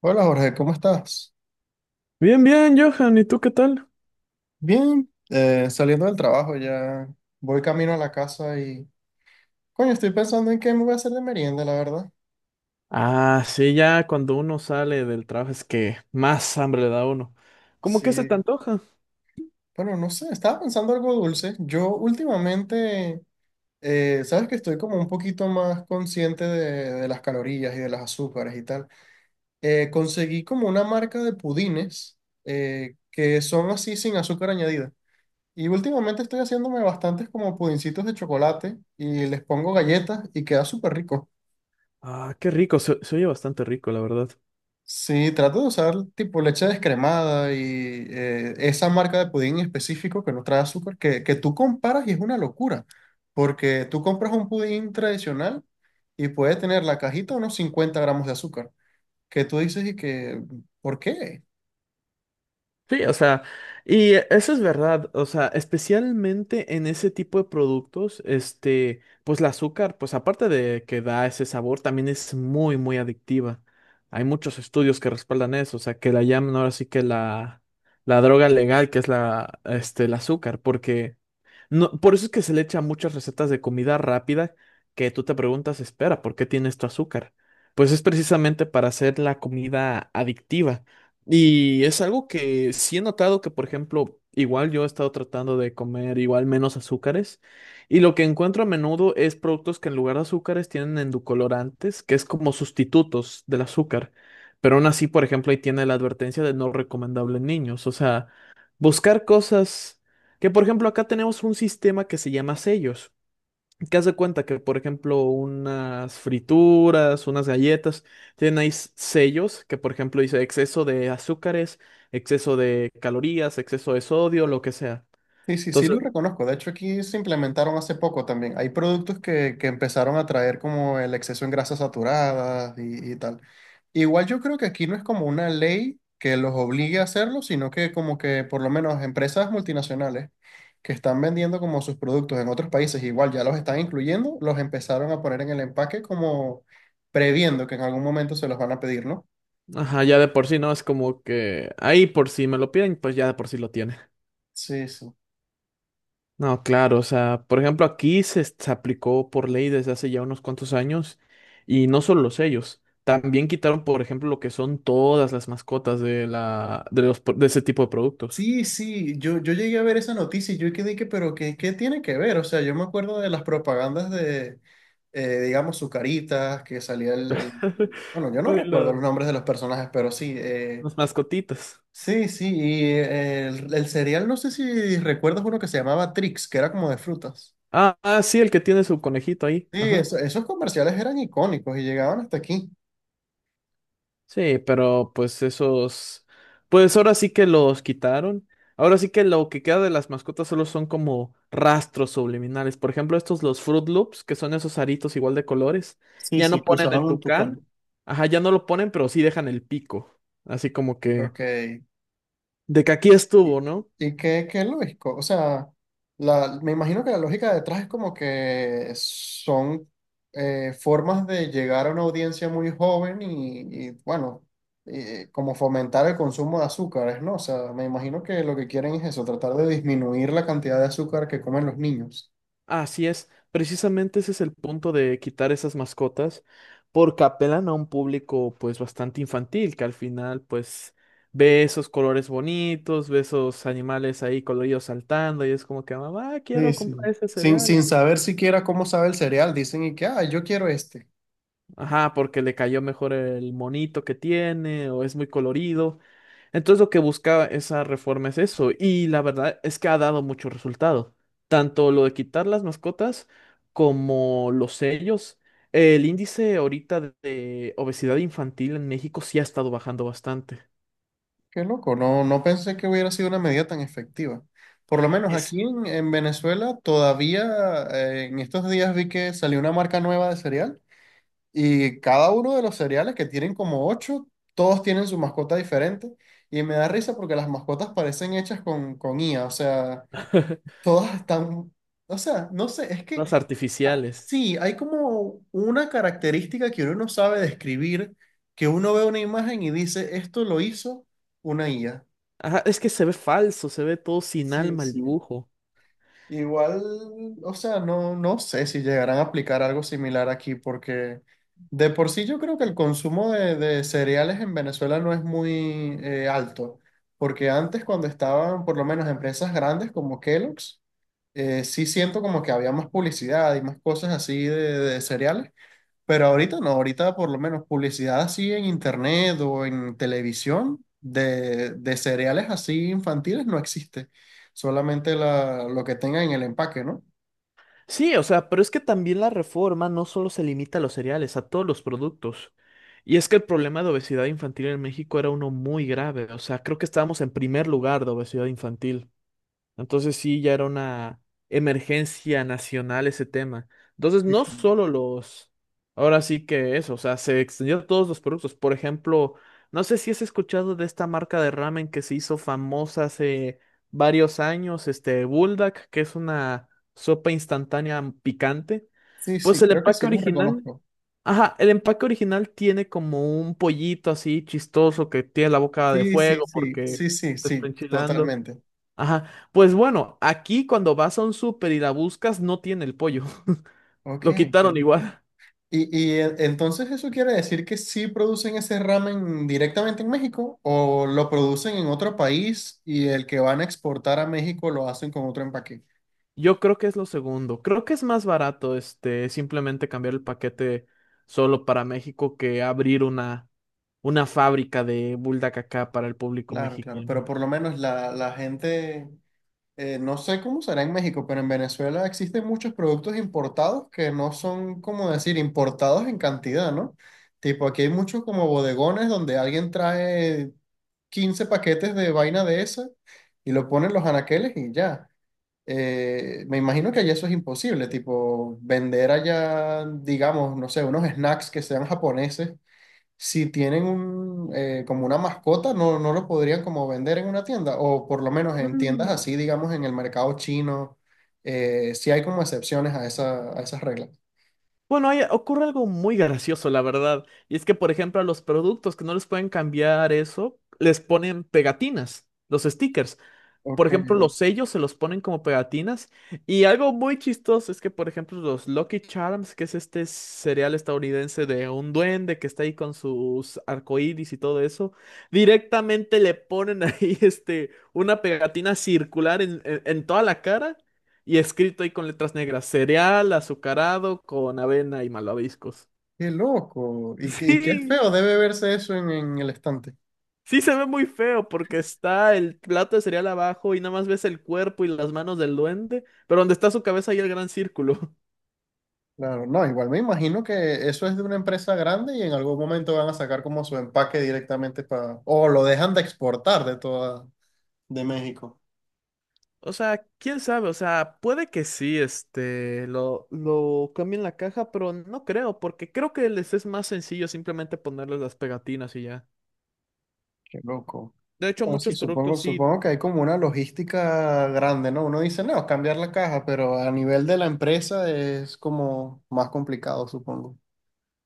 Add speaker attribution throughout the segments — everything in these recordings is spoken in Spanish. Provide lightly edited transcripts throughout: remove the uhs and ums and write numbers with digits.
Speaker 1: Hola Jorge, ¿cómo estás?
Speaker 2: Bien, bien, Johan, ¿y tú qué tal?
Speaker 1: Bien, saliendo del trabajo ya voy camino a la casa y coño, estoy pensando en qué me voy a hacer de merienda, la verdad.
Speaker 2: Ah, sí, ya cuando uno sale del trabajo es que más hambre le da a uno. ¿Cómo que se te
Speaker 1: Sí,
Speaker 2: antoja?
Speaker 1: bueno, no sé, estaba pensando algo dulce. Yo últimamente, sabes que estoy como un poquito más consciente de las calorías y de las azúcares y tal. Conseguí como una marca de pudines que son así sin azúcar añadida. Y últimamente estoy haciéndome bastantes como pudincitos de chocolate y les pongo galletas y queda súper rico.
Speaker 2: Ah, qué rico, se oye bastante rico, la verdad.
Speaker 1: Sí, trato de usar tipo leche descremada y esa marca de pudín en específico que no trae azúcar, que tú comparas y es una locura, porque tú compras un pudín tradicional y puede tener la cajita unos 50 gramos de azúcar, que tú dices y que, ¿por qué?
Speaker 2: Sí, o sea, y eso es verdad, o sea, especialmente en ese tipo de productos, pues el azúcar, pues aparte de que da ese sabor, también es muy, muy adictiva. Hay muchos estudios que respaldan eso, o sea, que la llaman ahora sí que la droga legal, que es el azúcar, porque... No, por eso es que se le echan muchas recetas de comida rápida que tú te preguntas, espera, ¿por qué tiene esto azúcar? Pues es precisamente para hacer la comida adictiva. Y es algo que sí he notado que, por ejemplo, igual yo he estado tratando de comer igual menos azúcares. Y lo que encuentro a menudo es productos que en lugar de azúcares tienen endocolorantes, que es como sustitutos del azúcar. Pero aún así, por ejemplo, ahí tiene la advertencia de no recomendable en niños. O sea, buscar cosas. Que por ejemplo acá tenemos un sistema que se llama sellos, que hace cuenta que por ejemplo unas frituras, unas galletas, tienen ahí sellos que por ejemplo dice exceso de azúcares, exceso de calorías, exceso de sodio, lo que sea.
Speaker 1: Sí, sí, sí lo
Speaker 2: Entonces,
Speaker 1: reconozco. De hecho, aquí se implementaron hace poco también. Hay productos que empezaron a traer como el exceso en grasas saturadas y tal. Igual yo creo que aquí no es como una ley que los obligue a hacerlo, sino que como que por lo menos empresas multinacionales que están vendiendo como sus productos en otros países, igual ya los están incluyendo, los empezaron a poner en el empaque como previendo que en algún momento se los van a pedir, ¿no?
Speaker 2: ajá, ya de por sí no es como que ahí por si me lo piden, pues ya de por sí lo tiene.
Speaker 1: Sí, sí.
Speaker 2: No, claro, o sea, por ejemplo, aquí se aplicó por ley desde hace ya unos cuantos años y no solo los sellos, también quitaron, por ejemplo, lo que son todas las mascotas de la, de los, pro- de ese tipo de productos.
Speaker 1: Sí, sí, yo llegué a ver esa noticia y yo quedé que, pero ¿qué, qué tiene que ver? O sea, yo me acuerdo de las propagandas de, digamos, Zucaritas, que salía bueno, yo no
Speaker 2: Ay,
Speaker 1: recuerdo los nombres de los personajes, pero sí.
Speaker 2: las mascotitas.
Speaker 1: Sí, sí, y el cereal, no sé si recuerdas uno que se llamaba Trix, que era como de frutas.
Speaker 2: Ah, ah, sí, el que tiene su conejito ahí.
Speaker 1: Sí,
Speaker 2: Ajá.
Speaker 1: eso- esos comerciales eran icónicos y llegaban hasta aquí.
Speaker 2: Sí, pero pues esos, pues ahora sí que los quitaron. Ahora sí que lo que queda de las mascotas solo son como rastros subliminales. Por ejemplo, estos los Fruit Loops, que son esos aritos igual de colores,
Speaker 1: Sí,
Speaker 2: ya
Speaker 1: sí,
Speaker 2: no
Speaker 1: que
Speaker 2: ponen
Speaker 1: usaban
Speaker 2: el
Speaker 1: un
Speaker 2: tucán.
Speaker 1: tucán.
Speaker 2: Ajá, ya no lo ponen, pero sí dejan el pico. Así como que
Speaker 1: Ok.
Speaker 2: de que aquí
Speaker 1: ¿Y,
Speaker 2: estuvo, ¿no?
Speaker 1: y qué, qué lógico? O sea, la, me imagino que la lógica detrás es como que son formas de llegar a una audiencia muy joven y, bueno, como fomentar el consumo de azúcares, ¿no? O sea, me imagino que lo que quieren es eso, tratar de disminuir la cantidad de azúcar que comen los niños.
Speaker 2: Así es, precisamente ese es el punto de quitar esas mascotas, porque apelan a un público pues bastante infantil, que al final pues ve esos colores bonitos, ve esos animales ahí coloridos saltando y es como que mamá,
Speaker 1: Sí,
Speaker 2: quiero comprar
Speaker 1: sí.
Speaker 2: ese
Speaker 1: Sin
Speaker 2: cereal.
Speaker 1: saber siquiera cómo sabe el cereal, dicen y que, ah, yo quiero este.
Speaker 2: Ajá, porque le cayó mejor el monito que tiene o es muy colorido. Entonces lo que buscaba esa reforma es eso, y la verdad es que ha dado mucho resultado. Tanto lo de quitar las mascotas como los sellos. El índice ahorita de obesidad infantil en México sí ha estado bajando bastante.
Speaker 1: Qué loco, no, no pensé que hubiera sido una medida tan efectiva. Por lo menos
Speaker 2: Es
Speaker 1: aquí en Venezuela todavía en estos días vi que salió una marca nueva de cereal y cada uno de los cereales que tienen como 8, todos tienen su mascota diferente y me da risa porque las mascotas parecen hechas con IA, o sea, todas están, o sea, no sé, es que
Speaker 2: las artificiales.
Speaker 1: sí, hay como una característica que uno no sabe describir, que uno ve una imagen y dice, esto lo hizo una IA.
Speaker 2: Ajá, es que se ve falso, se ve todo sin
Speaker 1: Sí,
Speaker 2: alma el
Speaker 1: sí.
Speaker 2: dibujo.
Speaker 1: Igual, o sea, no, no sé si llegarán a aplicar algo similar aquí, porque de por sí yo creo que el consumo de cereales en Venezuela no es muy alto, porque antes cuando estaban por lo menos empresas grandes como Kellogg's, sí siento como que había más publicidad y más cosas así de cereales, pero ahorita no, ahorita por lo menos publicidad así en internet o en televisión de cereales así infantiles no existe. Solamente la, lo que tenga en el empaque, ¿no?
Speaker 2: Sí, o sea, pero es que también la reforma no solo se limita a los cereales, a todos los productos. Y es que el problema de obesidad infantil en México era uno muy grave. O sea, creo que estábamos en primer lugar de obesidad infantil. Entonces sí, ya era una emergencia nacional ese tema. Entonces
Speaker 1: Sí,
Speaker 2: no
Speaker 1: claro.
Speaker 2: solo los, ahora sí que eso, o sea, se extendió a todos los productos. Por ejemplo, no sé si has escuchado de esta marca de ramen que se hizo famosa hace varios años, este Buldak, que es una sopa instantánea picante.
Speaker 1: Sí,
Speaker 2: Pues
Speaker 1: sí,
Speaker 2: el
Speaker 1: creo que
Speaker 2: empaque
Speaker 1: sí los
Speaker 2: original,
Speaker 1: reconozco.
Speaker 2: ajá, el empaque original tiene como un pollito así chistoso que tiene la boca de
Speaker 1: Sí, sí,
Speaker 2: fuego
Speaker 1: sí, sí,
Speaker 2: porque
Speaker 1: sí,
Speaker 2: te está
Speaker 1: sí,
Speaker 2: enchilando.
Speaker 1: totalmente.
Speaker 2: Ajá. Pues bueno, aquí cuando vas a un súper y la buscas, no tiene el pollo.
Speaker 1: Ok.
Speaker 2: Lo
Speaker 1: Que-
Speaker 2: quitaron igual.
Speaker 1: y e- entonces eso quiere decir que sí producen ese ramen directamente en México o lo producen en otro país y el que van a exportar a México lo hacen con otro empaque.
Speaker 2: Yo creo que es lo segundo. Creo que es más barato, simplemente cambiar el paquete solo para México que abrir una fábrica de bulldacacá acá para el público
Speaker 1: Claro, claro, pero
Speaker 2: mexicano.
Speaker 1: por lo menos la gente, no sé cómo será en México, pero en Venezuela existen muchos productos importados que no son, como decir, importados en cantidad, ¿no? Tipo, aquí hay muchos como bodegones donde alguien trae 15 paquetes de vaina de esa y lo ponen los anaqueles y ya. Me imagino que allá eso es imposible, tipo, vender allá, digamos, no sé, unos snacks que sean japoneses si tienen un, como una mascota, no, no lo podrían como vender en una tienda, o por lo menos en tiendas
Speaker 2: Mm.
Speaker 1: así, digamos, en el mercado chino, sí hay como excepciones a esa, a esas reglas.
Speaker 2: Bueno, ahí ocurre algo muy gracioso, la verdad. Y es que, por ejemplo, a los productos que no les pueden cambiar eso, les ponen pegatinas, los stickers. Por
Speaker 1: Ok,
Speaker 2: ejemplo, los sellos se los ponen como pegatinas. Y algo muy chistoso es que, por ejemplo, los Lucky Charms, que es este cereal estadounidense de un duende que está ahí con sus arcoíris y todo eso, directamente le ponen ahí una pegatina circular en, en toda la cara y escrito ahí con letras negras, cereal azucarado con avena y malvaviscos.
Speaker 1: qué loco. Y qué
Speaker 2: Sí.
Speaker 1: feo debe verse eso en el estante.
Speaker 2: Sí se ve muy feo porque está el plato de cereal abajo y nada más ves el cuerpo y las manos del duende, pero donde está su cabeza hay el gran círculo.
Speaker 1: Claro, no, igual me imagino que eso es de una empresa grande y en algún momento van a sacar como su empaque directamente para, o lo dejan de exportar de toda, de México.
Speaker 2: O sea, quién sabe, o sea, puede que sí, lo cambien la caja, pero no creo, porque creo que les es más sencillo simplemente ponerles las pegatinas y ya.
Speaker 1: Qué loco.
Speaker 2: De hecho,
Speaker 1: Bueno, sí,
Speaker 2: muchos
Speaker 1: supongo,
Speaker 2: productos sí.
Speaker 1: supongo que hay como una logística grande, ¿no? Uno dice, no, es cambiar la caja, pero a nivel de la empresa es como más complicado, supongo.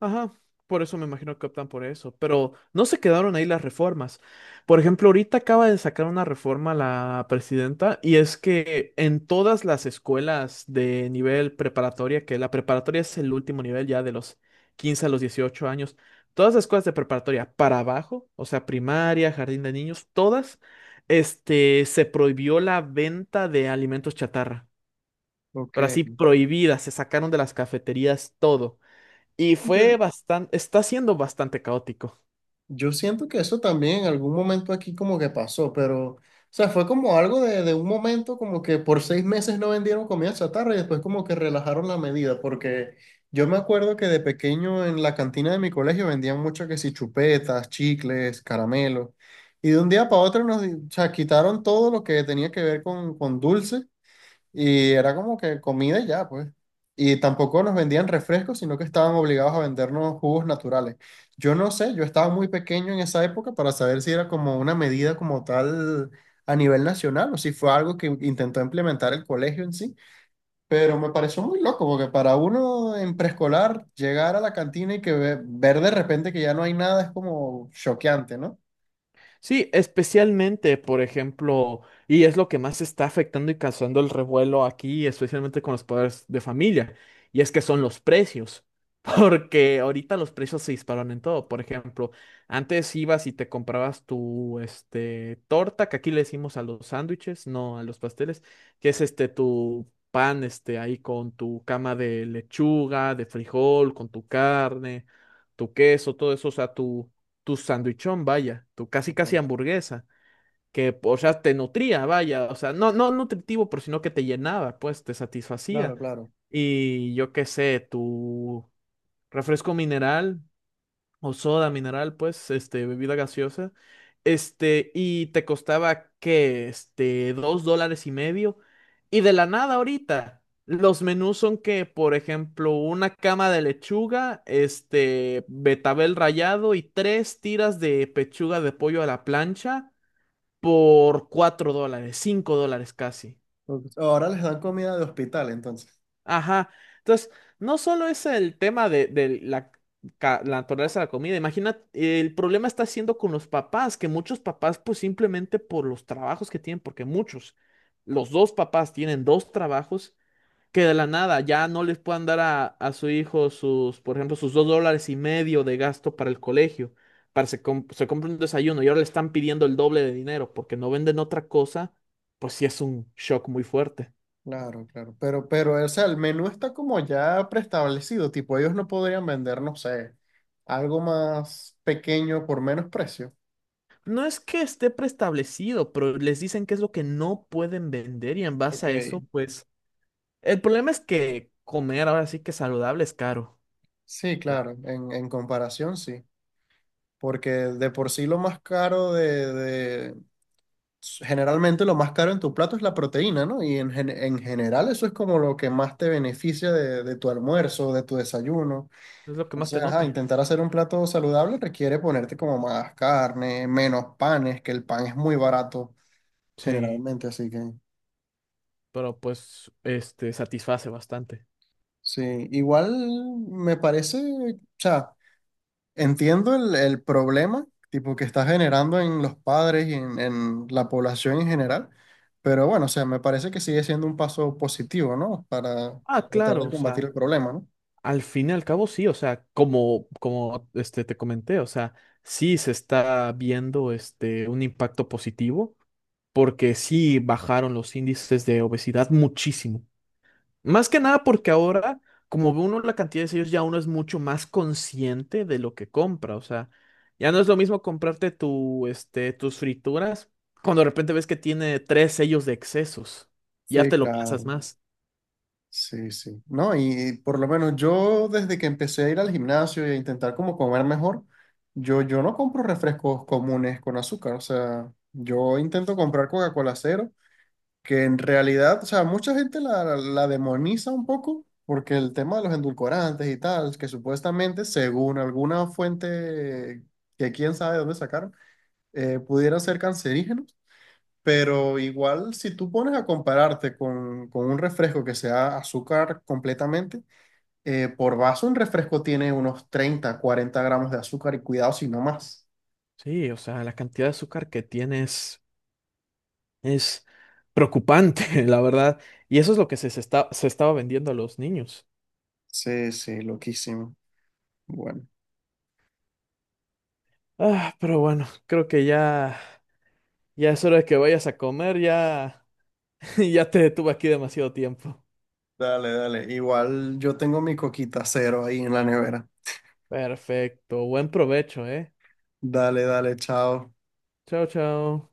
Speaker 2: Ajá, por eso me imagino que optan por eso, pero no se quedaron ahí las reformas. Por ejemplo, ahorita acaba de sacar una reforma la presidenta y es que en todas las escuelas de nivel preparatoria, que la preparatoria es el último nivel ya de los 15 a los 18 años, todas las escuelas de preparatoria para abajo, o sea, primaria, jardín de niños, todas, se prohibió la venta de alimentos chatarra,
Speaker 1: Ok.
Speaker 2: pero así prohibida, se sacaron de las cafeterías todo. Y
Speaker 1: Yo,
Speaker 2: fue bastante, está siendo bastante caótico.
Speaker 1: Yo siento que eso también en algún momento aquí como que pasó, pero, o sea, fue como algo de un momento como que por 6 meses no vendieron comida chatarra y después como que relajaron la medida, porque yo me acuerdo que de pequeño en la cantina de mi colegio vendían mucho que si chupetas, chicles, caramelos, y de un día para otro nos di- o sea, quitaron todo lo que tenía que ver con dulce. Y era como que comida y ya, pues. Y tampoco nos vendían refrescos, sino que estaban obligados a vendernos jugos naturales. Yo no sé, yo estaba muy pequeño en esa época para saber si era como una medida como tal a nivel nacional o si fue algo que intentó implementar el colegio en sí. Pero me pareció muy loco, porque para uno en preescolar llegar a la cantina y que ve- ver de repente que ya no hay nada es como choqueante, ¿no?
Speaker 2: Sí, especialmente, por ejemplo, y es lo que más está afectando y causando el revuelo aquí, especialmente con los padres de familia, y es que son los precios, porque ahorita los precios se dispararon en todo. Por ejemplo, antes ibas y te comprabas tu torta, que aquí le decimos a los sándwiches, no a los pasteles, que es este tu pan ahí con tu cama de lechuga, de frijol, con tu carne, tu queso, todo eso, o sea, tu sandwichón, vaya, tu casi casi
Speaker 1: Ujú.
Speaker 2: hamburguesa, que, o sea, te nutría, vaya, o sea, no, no nutritivo, pero sino que te llenaba, pues, te satisfacía.
Speaker 1: Claro, claro.
Speaker 2: Y yo qué sé, tu refresco mineral, o soda mineral, pues, bebida gaseosa, y te costaba, ¿qué? $2.50, y de la nada ahorita, los menús son que, por ejemplo, una cama de lechuga, betabel rallado y tres tiras de pechuga de pollo a la plancha por $4, $5 casi.
Speaker 1: Porque ahora les dan comida de hospital, entonces.
Speaker 2: Ajá. Entonces, no solo es el tema de la naturaleza de la comida. Imagina, el problema está siendo con los papás, que muchos papás, pues simplemente por los trabajos que tienen, porque muchos, los dos papás tienen dos trabajos, que de la nada ya no les puedan dar a su hijo sus, por ejemplo, sus $2.50 de gasto para el colegio, para se compre un desayuno y ahora le están pidiendo el doble de dinero porque no venden otra cosa, pues sí es un shock muy fuerte.
Speaker 1: Claro, claro. Pero, o sea, el menú está como ya preestablecido. Tipo, ellos no podrían vender, no sé, algo más pequeño por menos precio.
Speaker 2: No es que esté preestablecido, pero les dicen qué es lo que no pueden vender y en
Speaker 1: Ok,
Speaker 2: base a eso, pues el problema es que comer ahora sí que saludable es caro.
Speaker 1: sí,
Speaker 2: O
Speaker 1: claro,
Speaker 2: sea,
Speaker 1: en comparación sí, porque de por sí lo más caro de- generalmente lo más caro en tu plato es la proteína, ¿no? Y en, gen- en general eso es como lo que más te beneficia de tu almuerzo, de tu desayuno.
Speaker 2: es lo que más te
Speaker 1: Entonces, ajá,
Speaker 2: nutre.
Speaker 1: intentar hacer un plato saludable requiere ponerte como más carne, menos panes, que el pan es muy barato.
Speaker 2: Sí,
Speaker 1: Generalmente, así que
Speaker 2: pero pues este satisface bastante.
Speaker 1: sí, igual me parece, o sea, entiendo el problema, tipo, que está generando en los padres y en la población en general, pero bueno, o sea, me parece que sigue siendo un paso positivo, ¿no? Para
Speaker 2: Ah,
Speaker 1: tratar
Speaker 2: claro,
Speaker 1: de
Speaker 2: o
Speaker 1: combatir
Speaker 2: sea,
Speaker 1: el problema, ¿no?
Speaker 2: al fin y al cabo sí, o sea, como te comenté, o sea, sí se está viendo un impacto positivo porque sí bajaron los índices de obesidad muchísimo. Más que nada porque ahora, como ve uno la cantidad de sellos, ya uno es mucho más consciente de lo que compra. O sea, ya no es lo mismo comprarte tu, tus frituras cuando de repente ves que tiene tres sellos de excesos. Ya
Speaker 1: Sí,
Speaker 2: te lo piensas
Speaker 1: claro.
Speaker 2: más.
Speaker 1: Sí, sí. No, y por lo menos yo desde que empecé a ir al gimnasio y a intentar como comer mejor, yo no compro refrescos comunes con azúcar, o sea, yo intento comprar Coca-Cola cero que en realidad, o sea, mucha gente la, la demoniza un poco porque el tema de los endulcorantes y tal, que supuestamente, según alguna fuente que quién sabe dónde sacaron, pudieran ser cancerígenos, pero igual si tú pones a compararte con un refresco que sea azúcar completamente, por vaso un refresco tiene unos 30 40 gramos de azúcar y cuidado si no más.
Speaker 2: Sí, o sea, la cantidad de azúcar que tienes es preocupante, la verdad. Y eso es lo que se estaba vendiendo a los niños.
Speaker 1: Sí, sí, loquísimo. Bueno.
Speaker 2: Ah, pero bueno, creo que ya es hora de que vayas a comer. Ya, ya te detuve aquí demasiado tiempo.
Speaker 1: Dale, dale. Igual yo tengo mi coquita cero ahí en la nevera.
Speaker 2: Perfecto, buen provecho, ¿eh?
Speaker 1: Dale, dale, chao.
Speaker 2: Chao, chao.